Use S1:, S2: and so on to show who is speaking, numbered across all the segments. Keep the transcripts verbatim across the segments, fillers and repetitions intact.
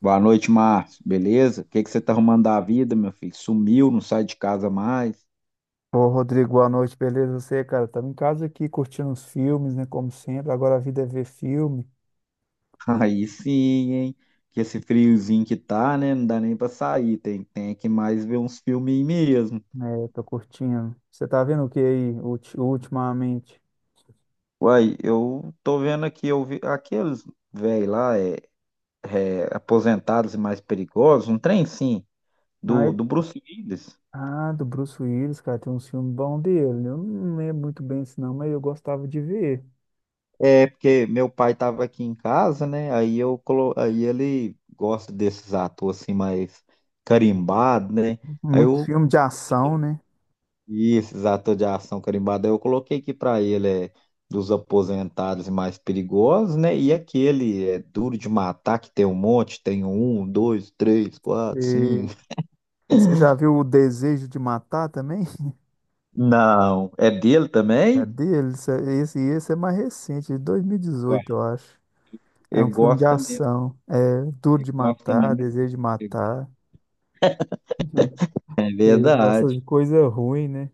S1: Boa noite, Márcio. Beleza? O que que você tá arrumando da vida, meu filho? Sumiu, não sai de casa mais?
S2: Ô, Rodrigo, boa noite, beleza? Você, cara, tava em casa aqui curtindo uns filmes, né? Como sempre, agora a vida é ver filme,
S1: Aí sim, hein? Que esse friozinho que tá, né? Não dá nem pra sair. Tem, tem que mais ver uns filminhos mesmo.
S2: né? Tô curtindo. Você tá vendo o que aí, ulti- ultimamente?
S1: Uai, eu tô vendo aqui, eu vi aqueles velho lá, é, é, aposentados e mais perigosos, um trem sim,
S2: Ah,
S1: do,
S2: é-
S1: do Bruce Willis.
S2: ah, do Bruce Willis, cara, tem uns filmes bons dele. Eu não lembro muito bem isso, não, mas eu gostava de ver.
S1: É, porque meu pai estava aqui em casa, né? Aí eu colo... aí ele gosta desses atores assim mais carimbado, né? Aí
S2: Muito
S1: eu
S2: filme de ação, né?
S1: e esses atores de ação carimbado, aí eu coloquei aqui para ele é dos aposentados e mais perigosos, né? E aquele é duro de matar que tem um monte, tem um, dois, três, quatro,
S2: E
S1: cinco.
S2: você já viu O Desejo de Matar também?
S1: Não, é dele
S2: É
S1: também?
S2: dele? Isso é- Esse, esse é mais recente, de
S1: Ué,
S2: dois mil e dezoito, eu acho. É
S1: ele
S2: um filme de
S1: gosta mesmo,
S2: ação. É duro
S1: ele
S2: de
S1: gosta
S2: matar,
S1: mesmo.
S2: desejo de matar.
S1: É
S2: Ele gosta
S1: verdade.
S2: de coisa ruim, né?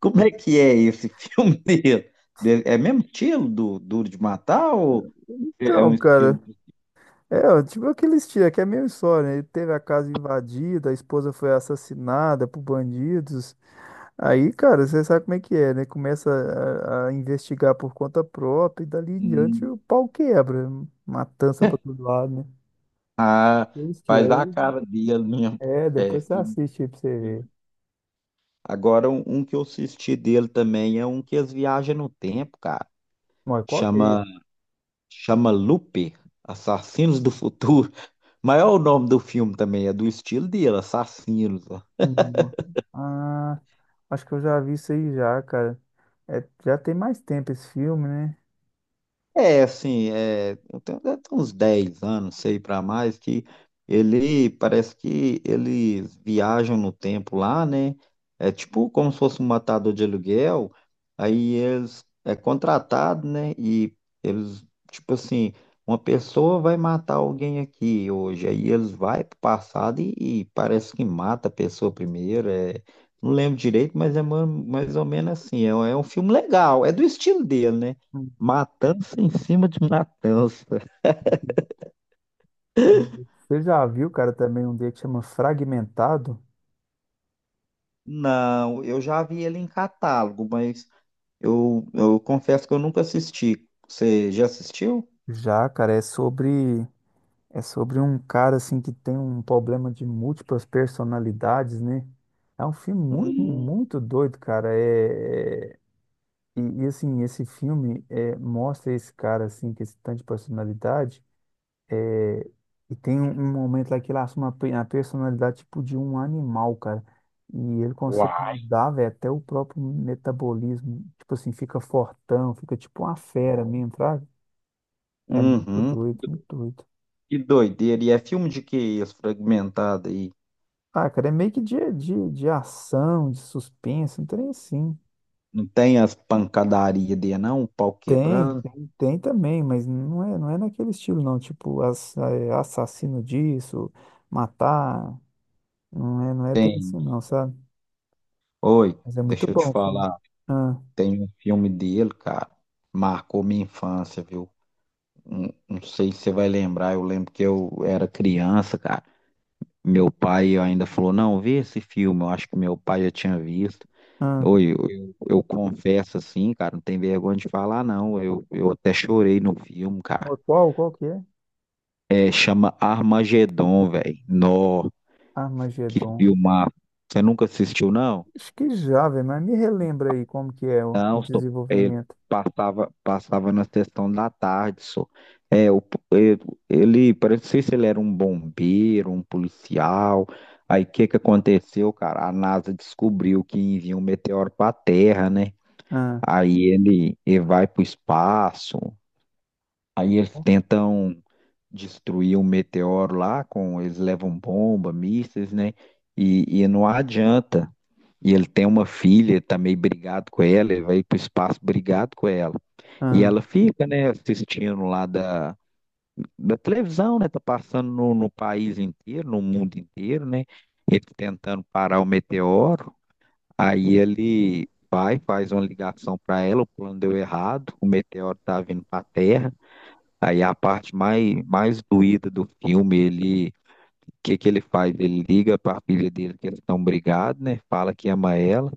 S1: Como é que é esse filme dele? De- É mesmo estilo do Duro de Matar ou é
S2: Então,
S1: um
S2: cara,
S1: estilo que
S2: é, ó, tipo aqueles tiros, que é a mesma história, né? Ele teve a casa invadida, a esposa foi assassinada por bandidos. Aí, cara, você sabe como é que é, né? Começa a, a investigar por conta própria e dali em diante
S1: hum,
S2: o pau quebra. Matança pra todo lado, né? Aqueles tiros
S1: faz a
S2: aí.
S1: cara dele mesmo?
S2: É,
S1: É,
S2: depois você
S1: filme
S2: assiste aí pra você ver.
S1: dele. Agora, um, um que eu assisti dele também é um que eles viajam no tempo, cara.
S2: Mas qual que
S1: Chama,
S2: é?
S1: chama Looper, Assassinos do Futuro. Mas é o nome do filme também, é do estilo dele, Assassinos.
S2: Hum. Ah, acho que eu já vi isso aí já, cara. É, já tem mais tempo esse filme, né?
S1: É, assim, é, eu tenho, deve ter uns dez anos, sei para mais, que ele parece que eles viajam no tempo lá, né? É tipo como se fosse um matador de aluguel, aí eles é contratado, né? E eles, tipo assim, uma pessoa vai matar alguém aqui hoje, aí eles vai pro passado e, e parece que mata a pessoa primeiro, é, não lembro direito, mas é ma- mais ou menos assim, é, um- é um filme legal, é do estilo dele, né?
S2: Hum.
S1: Matança em cima de matança.
S2: Você já viu, cara, também um dele que chama Fragmentado?
S1: Não, eu já vi ele em catálogo, mas eu, eu confesso que eu nunca assisti. Você já assistiu?
S2: Já, cara, é sobre é sobre um cara assim que tem um problema de múltiplas personalidades, né? É um filme muito,
S1: Hum.
S2: muito doido, cara. É, é- e, e, assim, esse filme é, mostra esse cara assim que esse tanto de personalidade. E tem um, um momento lá que ele assume a, pe- a personalidade tipo de um animal, cara. E ele consegue
S1: Uai,
S2: mudar, velho, até o próprio metabolismo. Tipo assim, fica fortão, fica tipo uma fera
S1: bom.
S2: mesmo, fraga. É muito
S1: Uhum,
S2: doido, muito doido.
S1: que doideira. E é filme de que esse fragmentado aí?
S2: Ah, cara, é meio que de, de, de ação, de suspense, não tem assim.
S1: Não tem as pancadarias dele, não? O pau
S2: Tem,
S1: quebrando?
S2: tem, tem também, mas não é, não é naquele estilo, não. Tipo, ass- é, assassino disso, matar. Não é, não é bem
S1: Tem.
S2: assim, não, sabe?
S1: Oi,
S2: Mas é muito
S1: deixa eu te
S2: bom o filme.
S1: falar.
S2: Ah,
S1: Tem um filme dele, cara. Marcou minha infância, viu? Não, não sei se você vai lembrar. Eu lembro que eu era criança, cara. Meu pai ainda falou, não, vê esse filme, eu acho que meu pai já tinha visto.
S2: ah.
S1: Oi, eu, eu- eu confesso assim, cara, não tem vergonha de falar, não. Eu, eu até chorei no filme,
S2: Ô,
S1: cara.
S2: qual, qual que é?
S1: É, chama Armagedon, velho. Nó, que
S2: Armagedon.
S1: filmar. Você nunca assistiu, não?
S2: Acho que já, velho, mas me relembra aí como que é o, o
S1: Não, só, ele
S2: desenvolvimento.
S1: passava, passava na sessão da tarde, só. É, o Ele, parece, não sei se ele era um bombeiro, um policial. Aí o que que aconteceu, cara? A NASA descobriu que envia um meteoro para a Terra, né?
S2: Ah,
S1: Aí ele, ele vai para o espaço. Aí eles tentam destruir o meteoro lá com eles levam bomba, mísseis, né? E, e não adianta. E ele tem uma filha, ele tá meio brigado com ela, ele vai para o espaço brigado com ela. E
S2: ah,
S1: ela fica, né, assistindo lá da da televisão, né? Tá passando no, no país inteiro, no mundo inteiro, né? Ele tentando parar o meteoro. Aí ele vai, faz uma ligação para ela, o plano deu errado, o meteoro tá vindo para a Terra. Aí a parte mais, mais doída do filme, ele, o que que ele faz? Ele liga para a filha dele que eles estão brigados, né? Fala que ama ela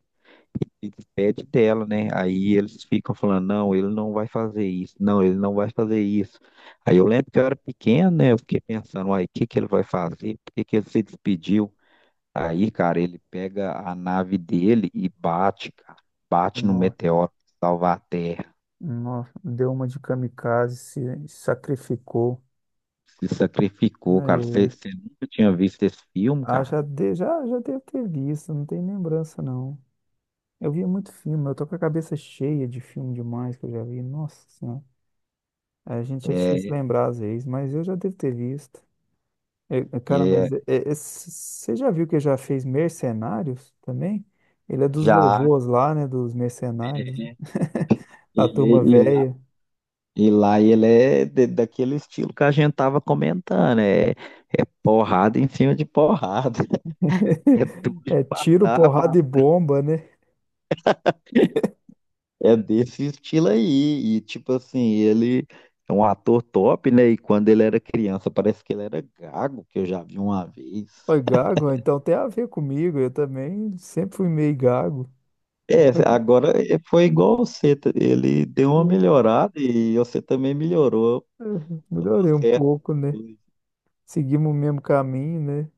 S1: e pede dela, né? Aí eles ficam falando, não, ele não vai fazer isso, não, ele não vai fazer isso. Aí eu lembro que eu era pequeno, né? Eu fiquei pensando, uai, o que que ele vai fazer? Por que que ele se despediu? Aí, cara, ele pega a nave dele e bate, cara, bate no
S2: nossa,
S1: meteoro pra salvar a Terra.
S2: nossa, deu uma de kamikaze, se sacrificou,
S1: Se sacrificou,
S2: né?
S1: cara. Você
S2: E-
S1: nunca tinha visto esse filme,
S2: ah,
S1: cara?
S2: já, de, já, já devo ter visto, não tem lembrança não. Eu via muito filme, eu tô com a cabeça cheia de filme demais que eu já vi. Nossa Senhora, é, a gente é difícil
S1: É,
S2: lembrar às vezes, mas eu já devo ter visto. É, é, cara,
S1: é,
S2: mas é- é- é- você já viu que já fez Mercenários também? Ele é dos
S1: já.
S2: vovôs lá, né? Dos mercenários. A
S1: Ele,
S2: turma velha.
S1: e lá ele é de- daquele estilo que a gente tava comentando, é, é porrada em cima de porrada, é duro de
S2: É tiro,
S1: matar, mas
S2: porrada e bomba, né?
S1: é desse estilo aí. E tipo assim, ele é um ator top, né? E quando ele era criança, parece que ele era gago, que eu já vi uma vez.
S2: Oi, gago, então tem a ver comigo. Eu também sempre fui meio gago.
S1: É, agora é- foi igual você, tá? Ele deu uma
S2: Hum.
S1: melhorada e você também melhorou,
S2: Uhum.
S1: tá tudo
S2: Melhorei um
S1: certo.
S2: pouco, né? Seguimos o mesmo caminho, né?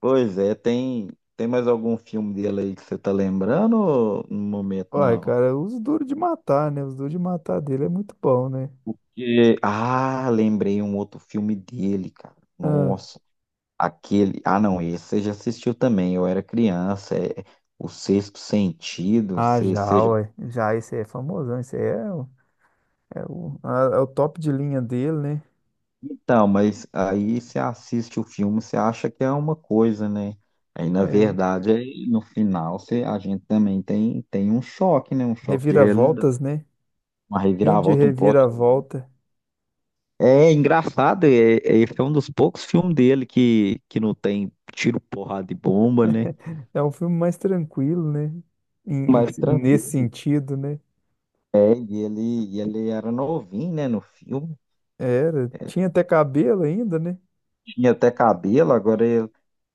S1: Pois é, tem, tem mais algum filme dele aí que você tá lembrando ou no momento
S2: Olha,
S1: não?
S2: cara, os duros de matar, né? Os duros de matar dele é muito bom, né?
S1: Que- Ah, lembrei um outro filme dele, cara.
S2: Ah,
S1: Nossa, aquele. Ah, não, esse você já assistiu também. Eu era criança. É O Sexto Sentido.
S2: ah,
S1: Você, você
S2: já,
S1: já...
S2: ué. Já, esse aí é famosão. Esse aí é. É o, a- é o top de linha dele, né?
S1: Então, mas aí você assiste o filme, você acha que é uma coisa, né? Aí, na
S2: É,
S1: verdade, aí, no final, você, a gente também tem, tem um choque, né? Um choque de realidade.
S2: reviravoltas, né?
S1: Uma
S2: Filme de
S1: reviravolta, um plot.
S2: reviravolta.
S1: É engraçado, é, é- esse é um dos poucos filmes dele que, que não tem tiro, porrada e bomba, né?
S2: É um filme mais tranquilo, né? Em- em-
S1: Mais
S2: si, nesse
S1: tranquilo.
S2: sentido, né?
S1: É, e ele, e ele era novinho, né, no filme.
S2: Era. Tinha até cabelo ainda, né?
S1: Tinha até cabelo, agora ele,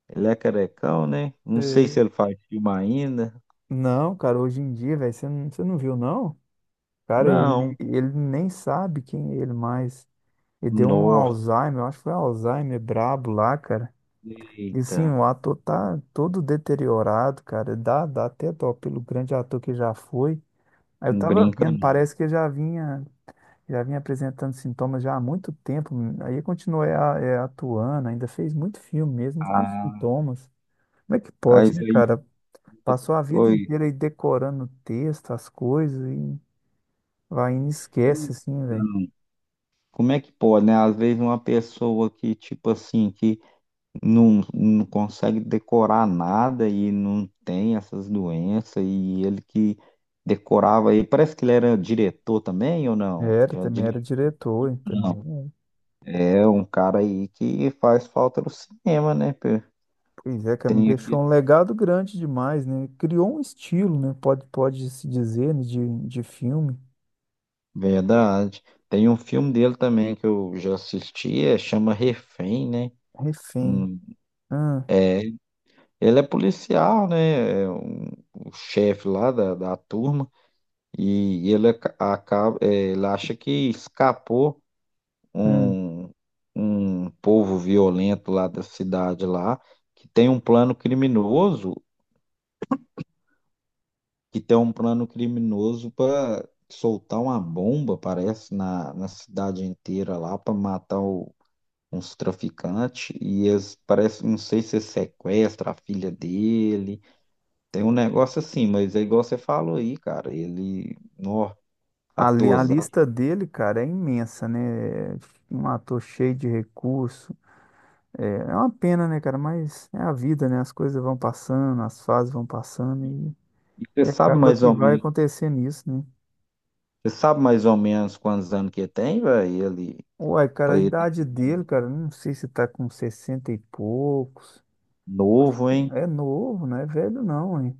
S1: ele é carecão, né? Não sei se
S2: É,
S1: ele faz filme ainda.
S2: não, cara, hoje em dia, velho, você não, você não viu, não? Cara, ele,
S1: Não.
S2: ele nem sabe quem é ele mais. Ele deu um
S1: Nossa,
S2: Alzheimer, eu acho que foi Alzheimer brabo lá, cara. E
S1: eita.
S2: assim, o ator tá todo deteriorado, cara. Dá, dá até dó pelo grande ator que já foi. Aí eu
S1: Não
S2: tava
S1: brinca,
S2: vendo,
S1: não.
S2: parece que eu já vinha, já vinha apresentando sintomas já há muito tempo. Aí continuei a- é, atuando, ainda fez muito filme mesmo com
S1: Ah,
S2: sintomas. Como é que pode,
S1: mas
S2: né,
S1: aí.
S2: cara? Passou a vida
S1: Oi.
S2: inteira aí decorando o texto, as coisas, e vai e esquece, assim, velho.
S1: Então, como é que pode, né? Às vezes uma pessoa que, tipo assim, que não, não consegue decorar nada e não tem essas doenças, e ele que decorava aí, parece que ele era diretor também ou não?
S2: Era,
S1: Já
S2: também era
S1: dirigiu.
S2: diretor, e também é.
S1: É um cara aí que faz falta no cinema, né? Pê?
S2: Pois é, cara, me
S1: Tem
S2: deixou um
S1: aqui,
S2: legado grande demais, né? Criou um estilo, né? Pode, pode se dizer, né, de, de filme.
S1: verdade. Tem um filme dele também que eu já assisti, é, chama Refém, né?
S2: Refém.
S1: Hum,
S2: Ah,
S1: é, ele é policial, né? É um- o chefe lá da, da turma, e ele aca- acaba, é, ele acha que escapou
S2: hum.
S1: um, um povo violento lá da cidade lá, que tem um plano criminoso, que tem um plano criminoso para soltar uma bomba, parece, na, na cidade inteira lá para matar o- uns traficantes e eles parece, não sei se sequestra a filha dele. Tem um negócio assim, mas é igual você falou aí, cara, ele, nó,
S2: A, li- a
S1: atosado.
S2: lista dele, cara, é imensa, né? É um ator cheio de recurso. É, é uma pena, né, cara? Mas é a vida, né? As coisas vão passando, as fases vão passando e,
S1: E você
S2: e
S1: sabe
S2: acaba
S1: mais
S2: que
S1: ou
S2: vai
S1: menos,
S2: acontecendo isso, né?
S1: você sabe mais ou menos quantos anos que tem, velho? Ele,
S2: Uai, cara,
S1: pra
S2: a
S1: ele ter
S2: idade
S1: chegado
S2: dele, cara, não sei se tá com sessenta e poucos. Acho
S1: novo,
S2: que
S1: hein?
S2: é novo, não é velho, não, hein?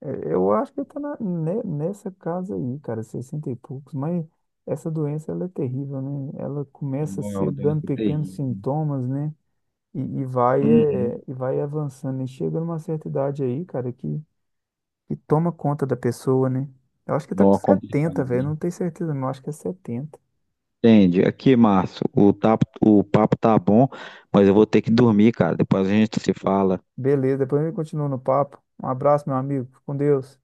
S2: É, eu acho que ele tá na- ne- nessa casa aí, cara, sessenta e poucos, mas. Essa doença ela é terrível, né? Ela começa a
S1: Não é
S2: ser
S1: uma
S2: dando
S1: doença
S2: pequenos
S1: terrível.
S2: sintomas, né? E, e vai,
S1: Uhum.
S2: é, e vai avançando. E chega numa certa idade aí, cara, que, que toma conta da pessoa, né? Eu acho que tá com
S1: Nó complicado,
S2: setenta velho. Não
S1: hein?
S2: tenho certeza, não. Acho que é setenta.
S1: Entende? Aqui, Márcio, o, tapo- o papo tá bom, mas eu vou ter que dormir, cara. Depois a gente se fala.
S2: Beleza, depois a gente continua no papo. Um abraço, meu amigo. Fica Com Deus.